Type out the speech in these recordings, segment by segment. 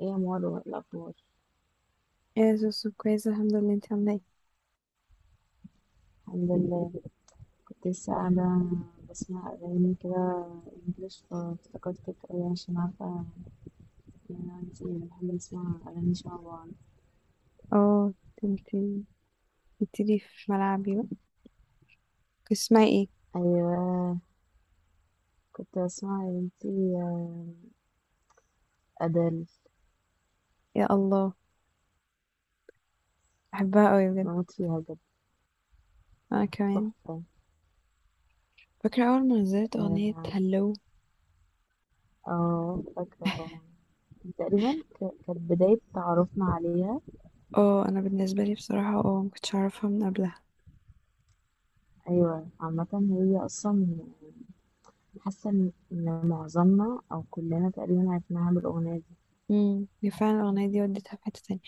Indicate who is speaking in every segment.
Speaker 1: ايه يا مروة، إيه الأخبار؟
Speaker 2: يا زوزو، كويسة الحمد لله، انت عاملة ايه؟
Speaker 1: الحمد لله. كنت لسه قاعدة بسمع أغاني كده إنجلش فافتكرتك أوي عشان عارفة إن أنا وإنتي بنحب نسمع أغاني شبه بعض.
Speaker 2: اه، انت بتبتدي في ملعبي بقى، اسمعي ايه؟
Speaker 1: أيوة، كنت بسمع يا بنتي أدل.
Speaker 2: يا الله، بحبها قوي بجد.
Speaker 1: بموت فيها بجد،
Speaker 2: انا كمان.
Speaker 1: تحفة.
Speaker 2: فاكرة اول ما نزلت اغنية
Speaker 1: اه،
Speaker 2: هلو.
Speaker 1: آه، فاكرة طبعا. تقريبا كانت بداية تعرفنا عليها.
Speaker 2: اه، انا بالنسبة لي بصراحة مكنتش اعرفها من قبلها.
Speaker 1: أيوة عامة. هي أصلا حاسة إن معظمنا أو كلنا تقريبا عرفناها بالأغنية.
Speaker 2: هي فعلا الاغنية دي وديتها في حتة تانية.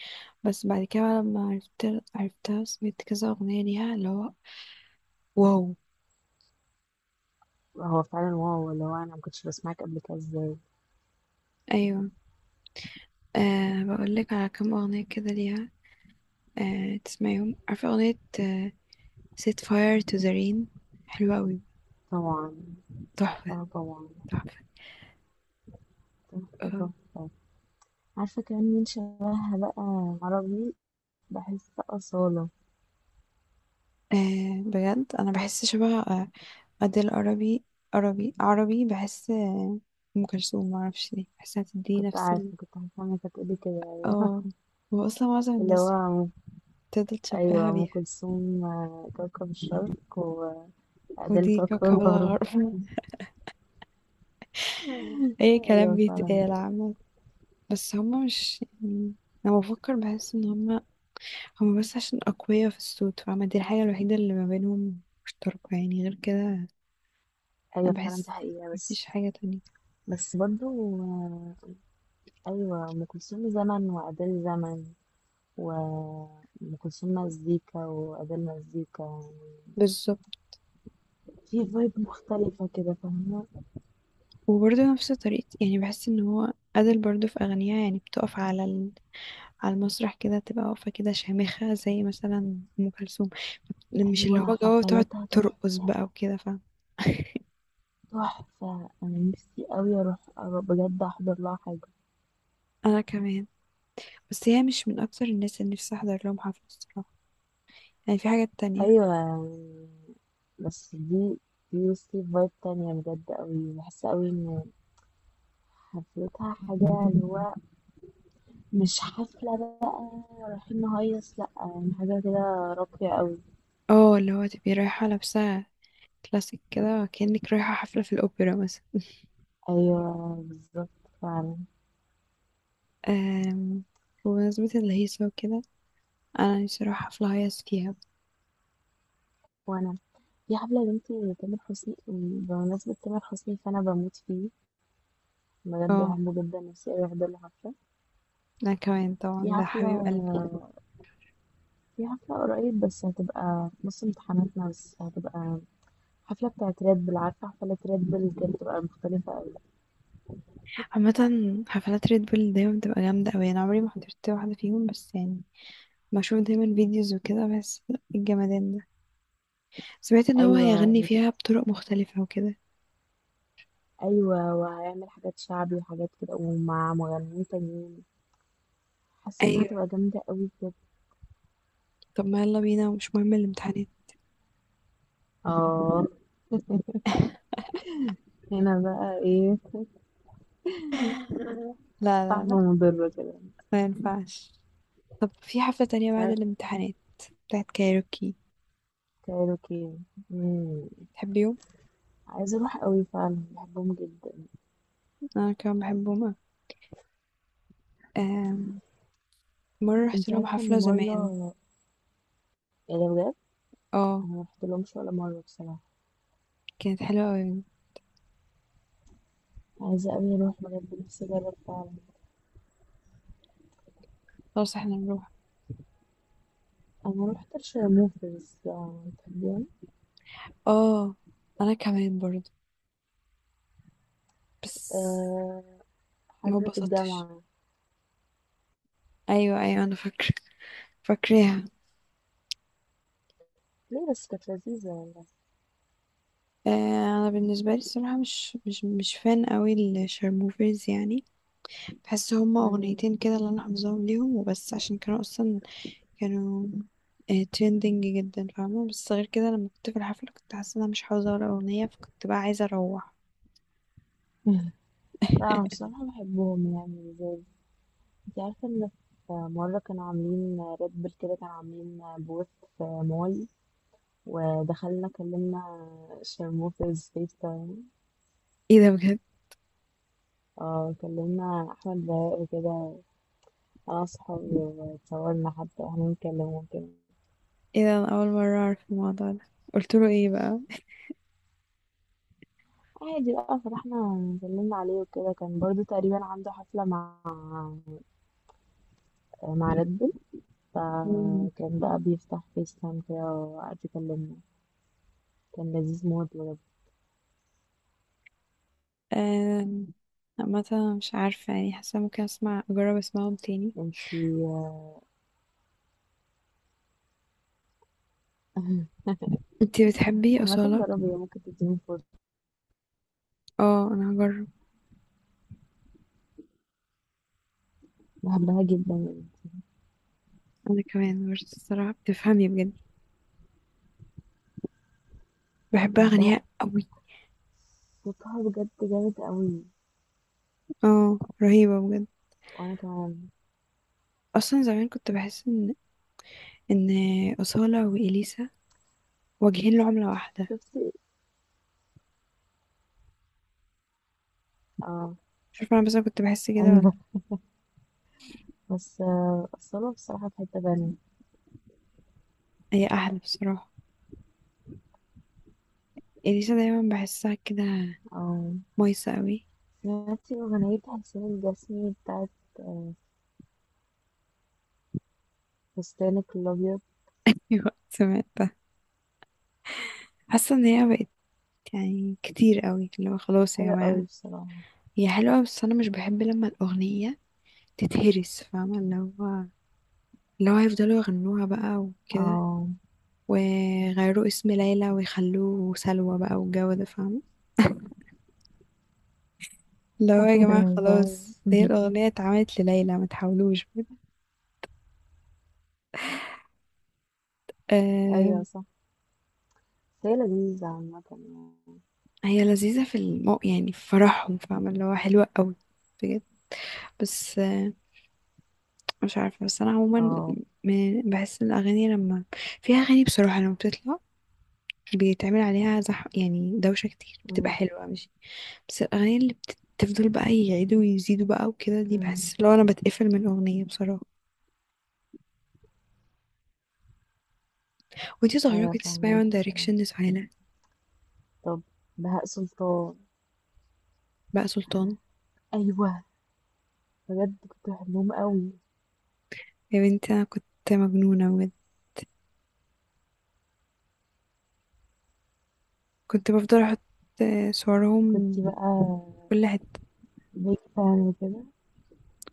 Speaker 2: بس بعد كده بقى لما عرفتها سمعت كذا اغنية ليها اللي هو واو.
Speaker 1: هو فعلا واو، اللي هو انا ما كنتش بسمعك قبل كده ازاي؟
Speaker 2: ايوه. أه، بقول لك على كام اغنية كده ليها. أه، تسمعيهم؟ عارفة اغنية set fire to the rain؟ حلوة أوي،
Speaker 1: طبعا.
Speaker 2: تحفة.
Speaker 1: عارفاها طبعا.
Speaker 2: تحفة.
Speaker 1: تحفة
Speaker 2: آه،
Speaker 1: تحفة. عارفة كمان مين شبهها بقى عربي؟ بحس أصالة.
Speaker 2: آه، بجد انا بحس شبه اديل. عربي، عربي عربي، بحس ام كلثوم، معرفش ليه بحسها تدي
Speaker 1: كنت
Speaker 2: نفس
Speaker 1: عارفة،
Speaker 2: ال.
Speaker 1: كنت عارفة انك هتقولي كده. أيوة.
Speaker 2: اه، واصلا معظم
Speaker 1: اللي هو
Speaker 2: الناس بتفضل
Speaker 1: أيوة،
Speaker 2: تشبهها
Speaker 1: أم
Speaker 2: بيها.
Speaker 1: كلثوم، كوكب الشرق وأديل.
Speaker 2: ودي
Speaker 1: كوكب
Speaker 2: كوكب
Speaker 1: الغرب.
Speaker 2: الغرب. اي كلام
Speaker 1: أيوة فعلا.
Speaker 2: بيتقال عامة. بس هما مش يعني، لما بفكر بحس ان هما بس عشان اقوياء في الصوت، فاهمة؟ دي الحاجة الوحيدة اللي ما بينهم مشتركة يعني، غير كده انا
Speaker 1: أيوة فعلا، دي
Speaker 2: بحس
Speaker 1: حقيقة
Speaker 2: مفيش
Speaker 1: بس.
Speaker 2: حاجة تانية.
Speaker 1: بس برضو، أيوة أم كلثوم زمن وأديل زمن. وأم كلثوم مزيكا وأديل مزيكا يعني.
Speaker 2: بالظبط.
Speaker 1: في فايب مختلفة كده، فاهمة؟
Speaker 2: وبرضه نفس طريقة يعني، بحس ان هو أدل برضه في أغانيها يعني بتقف على ال، على المسرح كده تبقى واقفة كده شامخة زي مثلا أم كلثوم، مش اللي
Speaker 1: أيوة،
Speaker 2: هو جو تقعد
Speaker 1: حفلاتها
Speaker 2: ترقص
Speaker 1: تحفة.
Speaker 2: بقى وكده، فاهم؟
Speaker 1: تحفة، أنا نفسي أوي أروح، أروح بجد أحضر لها حاجة.
Speaker 2: أنا كمان. بس هي مش من أكتر الناس اللي نفسي أحضر لهم حفلة الصراحة، يعني في حاجات تانية.
Speaker 1: أيوة يعني. بس دي بصي فايب تانية بجد أوي، بحس أوي إن حفلتها حاجة اللي هو مش حفلة بقى رايحين نهيص، لأ، يعني حاجة كده راقية أوي.
Speaker 2: اه، اللي هو تبقي رايحة لابسة كلاسيك كده، وكأنك رايحة حفلة في الأوبرا مثلا.
Speaker 1: أيوة بالظبط. فعلا.
Speaker 2: أم... بمناسبة الهيصة وكده، أنا نفسي أروح حفلة هيص فيها.
Speaker 1: وأنا في حفلة يا بنتي تامر حسني، بمناسبة تامر حسني فأنا بموت فيه بجد،
Speaker 2: اه،
Speaker 1: بحبه جدا، نفسي أوي أحضر له حفلة.
Speaker 2: انا كمان طبعا،
Speaker 1: في
Speaker 2: ده
Speaker 1: حفلة
Speaker 2: حبيب قلبي.
Speaker 1: في حفلة قريب، بس هتبقى في نص امتحاناتنا، بس هتبقى حفلة بتاعت ريد بل. عارفة حفلة ريد بل كانت بتبقى مختلفة أوي.
Speaker 2: عامة حفلات ريد بول دايما بتبقى جامدة اوي، انا عمري ما حضرت واحدة فيهم بس، يعني بشوف دايما فيديوز وكده بس. الجمدان ده سمعت ان هو
Speaker 1: أيوة
Speaker 2: هيغني
Speaker 1: بت-
Speaker 2: فيها بطرق مختلفة وكده.
Speaker 1: أيوة وهيعمل حاجات شعبي وحاجات كده ومع مغنيين تانيين. حاسة إنها
Speaker 2: ايوه،
Speaker 1: هتبقى جامدة أوي بجد.
Speaker 2: طب ما يلا بينا ومش مهم الامتحانات.
Speaker 1: اه. هنا بقى ايه؟
Speaker 2: لا، لا،
Speaker 1: صعبة
Speaker 2: لا،
Speaker 1: ومضرة كده.
Speaker 2: ما ينفعش. طب في حفلة تانية
Speaker 1: مش
Speaker 2: بعد
Speaker 1: عارفة.
Speaker 2: الامتحانات بتاعت كايروكي،
Speaker 1: كايروكي. مم.
Speaker 2: تحبيهم؟
Speaker 1: عايزة اروح قوي فعلا، بحبهم جدا.
Speaker 2: أنا كمان بحبهم أوي. آم، مرة رحت
Speaker 1: انت
Speaker 2: لهم
Speaker 1: عارفة
Speaker 2: حفلة
Speaker 1: ان
Speaker 2: زمان.
Speaker 1: مرة، يعني بجد،
Speaker 2: اه،
Speaker 1: انا مرحت لهمش ولا مرة بصراحة.
Speaker 2: كانت حلوة أوي.
Speaker 1: عايزة قوي اروح بجد، نفسي اجرب فعلا.
Speaker 2: خلاص احنا نروح.
Speaker 1: انا رحت الشرموفرز، يعني تحبيهم؟
Speaker 2: اه، انا كمان برضو، بس
Speaker 1: أه.
Speaker 2: ما
Speaker 1: حفلة
Speaker 2: اتبسطتش.
Speaker 1: الجامعة.
Speaker 2: ايوه، ايوه، انا فاكراها.
Speaker 1: ليه؟ بس كانت لذيذة والله.
Speaker 2: آه انا بالنسبه لي الصراحه مش فان قوي الشرموفرز يعني. بحس هما
Speaker 1: مم.
Speaker 2: اغنيتين كده اللي انا حافظاهم ليهم وبس، عشان كانوا ترندنج جدا، فاهمه؟ بس غير كده لما كنت في الحفله كنت حاسه ان انا مش حافظه ولا اغنيه، فكنت بقى عايزه اروح.
Speaker 1: لا، انا بصراحة بحبهم يعني. زي، انت عارفة ان في مرة كانوا عاملين ريد بول كده، كانوا عاملين بوث في مول، ودخلنا كلمنا شرموفرز فيس.
Speaker 2: ايه ده، بجد؟
Speaker 1: اه، كلمنا احمد بهاء وكده، انا وصحابي واتصورنا حتى واحنا بنتكلم وكده.
Speaker 2: ايه ده، انا اول مره اعرف الموضوع ده. قلت له ايه بقى؟
Speaker 1: عادي بقى، فرحنا. كلمنا عليه وكده كان برضو تقريبا عنده حفلة مع ريد بول. فكان بقى بيفتح فيس تايم كده وقعد يكلمنا. كان لذيذ موت بجد.
Speaker 2: آم، عامة مش عارفة يعني، حاسة ممكن اجرب اسمعهم تاني.
Speaker 1: انتي.
Speaker 2: انتي بتحبي
Speaker 1: عامة،
Speaker 2: أصالة؟
Speaker 1: جربي، هي ممكن تديني فرصة.
Speaker 2: اه، انا هجرب.
Speaker 1: بحبها جدا يعني.
Speaker 2: انا كمان برضه الصراحة بتفهمي بجد، بحب
Speaker 1: بحبها.
Speaker 2: اغانيها قوي.
Speaker 1: صوتها بجد جامد قوي.
Speaker 2: اه، رهيبة بجد.
Speaker 1: وانا كمان.
Speaker 2: اصلا زمان كنت بحس ان أصالة وإليسا واجهين لعملة واحدة.
Speaker 1: شفتي. اه.
Speaker 2: مش عارفة، انا بس أنا كنت بحس كده ولا.
Speaker 1: ايوه. بس، اصلا بصراحة في حتة تانية.
Speaker 2: هي احلى بصراحة، إليسا دايما بحسها كده
Speaker 1: اه.
Speaker 2: مايسة قوي.
Speaker 1: سمعتي أغنية حسين الجسمي بتاعت آه، فستانك الأبيض؟
Speaker 2: وقت سمعتها، حاسة ان هي بقت يعني كتير قوي اللي هو خلاص يا
Speaker 1: حلوة
Speaker 2: جماعة.
Speaker 1: أوي بصراحة.
Speaker 2: هي حلوة بس أنا مش بحب لما الأغنية تتهرس، فاهمة؟ اللي هو هيفضلوا يغنوها بقى وكده،
Speaker 1: اه.
Speaker 2: ويغيروا اسم ليلى ويخلوه سلوى بقى، والجو ده، فاهمة؟ اللي هو يا جماعة
Speaker 1: أيوة فاهم.
Speaker 2: خلاص، هي الأغنية اتعملت لليلى، ما تحاولوش بجد. آه،
Speaker 1: أيوة صح. بس هي لذيذة عامة يعني.
Speaker 2: هي لذيذة في المو يعني، في فرحهم، فاهمة؟ اللي هو حلوة قوي بجد. بس مش عارفة، بس أنا عموما
Speaker 1: اه.
Speaker 2: بحس إن الأغاني لما، في أغاني بصراحة لما بتطلع بيتعمل عليها زح يعني، دوشة كتير بتبقى
Speaker 1: أمم،
Speaker 2: حلوة مش. بس الأغاني اللي بتفضل بقى يعيدوا ويزيدوا بقى وكده دي،
Speaker 1: أمم.
Speaker 2: بحس لو أنا بتقفل من أغنية بصراحة. وانتي صغيرة
Speaker 1: أيوة
Speaker 2: كنت تسمعي
Speaker 1: فاهمك
Speaker 2: وان
Speaker 1: بصراحة.
Speaker 2: دايركشن لسهيلة.
Speaker 1: طب، بهاء سلطان.
Speaker 2: بقى سلطان.
Speaker 1: أيوة، بجد كنت بحبهم أوي.
Speaker 2: يا بنتي أنا كنت مجنونة بجد، كنت بفضل أحط صورهم
Speaker 1: كنت بقى
Speaker 2: كل حتة.
Speaker 1: بيج فان وكده.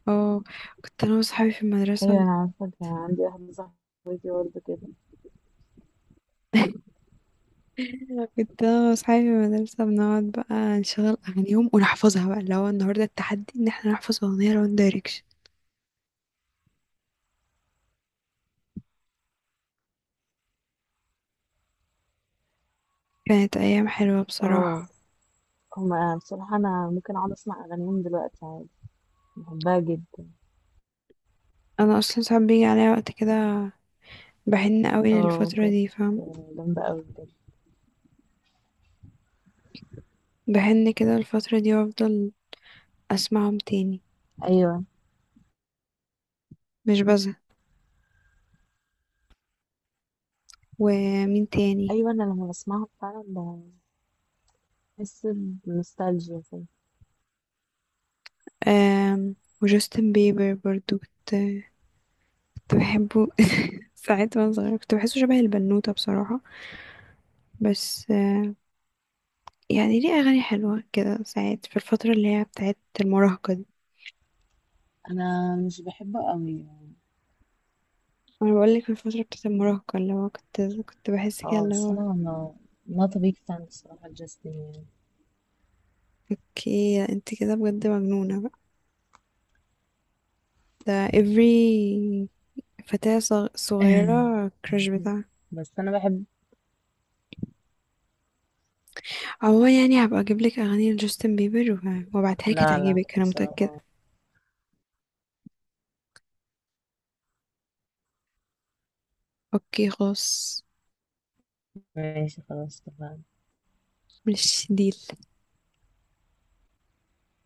Speaker 2: اه، كنت أنا وصحابي في المدرسة.
Speaker 1: أيوة أنا عارفة، كان عندي واحدة صاحبتي برضه كده.
Speaker 2: كنت أنا وصحابي في المدرسة بنقعد بقى نشغل أغانيهم ونحفظها بقى، اللي هو النهاردة التحدي إن احنا نحفظ أغنية لوان دايركشن. كانت أيام حلوة
Speaker 1: اه،
Speaker 2: بصراحة.
Speaker 1: هما بصراحة أنا ممكن أقعد أسمع أغانيهم دلوقتي عادي، بحبها جدا.
Speaker 2: أنا أصلا ساعات بيجي عليا وقت كده بحن قوي
Speaker 1: اه،
Speaker 2: للفترة
Speaker 1: كانت
Speaker 2: دي، فاهم؟
Speaker 1: جامدة أوي بجد.
Speaker 2: بحن كده الفترة دي وافضل اسمعهم تاني،
Speaker 1: أيوة.
Speaker 2: مش بزهق. ومين تاني؟
Speaker 1: أيوة، أنا لما بسمعها فعلا بحس بنوستالجيا كده.
Speaker 2: آم وجاستن بيبر برضو كنت بحبه. ساعات وانا صغيرة كنت بحسه شبه البنوتة بصراحة. بس يعني ليه أغاني حلوة كده ساعات في الفترة اللي هي بتاعت المراهقة دي.
Speaker 1: انا مش بحبه قوي يعني.
Speaker 2: أنا بقولك في الفترة بتاعت المراهقة اللي هو كنت بحس كده
Speaker 1: اه
Speaker 2: اللي
Speaker 1: بس
Speaker 2: هو.
Speaker 1: انا ما not a big fan بصراحة جاستن.
Speaker 2: اوكي، انت كده بجد مجنونة بقى. ده every فتاة
Speaker 1: يعني،
Speaker 2: صغيرة كراش بتاعها.
Speaker 1: بس انا بحب.
Speaker 2: عموما يعني هبقى اجيب لك اغاني لجاستن بيبر وابعتها لك،
Speaker 1: لا لا
Speaker 2: هتعجبك انا متأكدة.
Speaker 1: بصراحة.
Speaker 2: اوكي خلاص.
Speaker 1: ماشي خلاص اتفقنا.
Speaker 2: مش ديل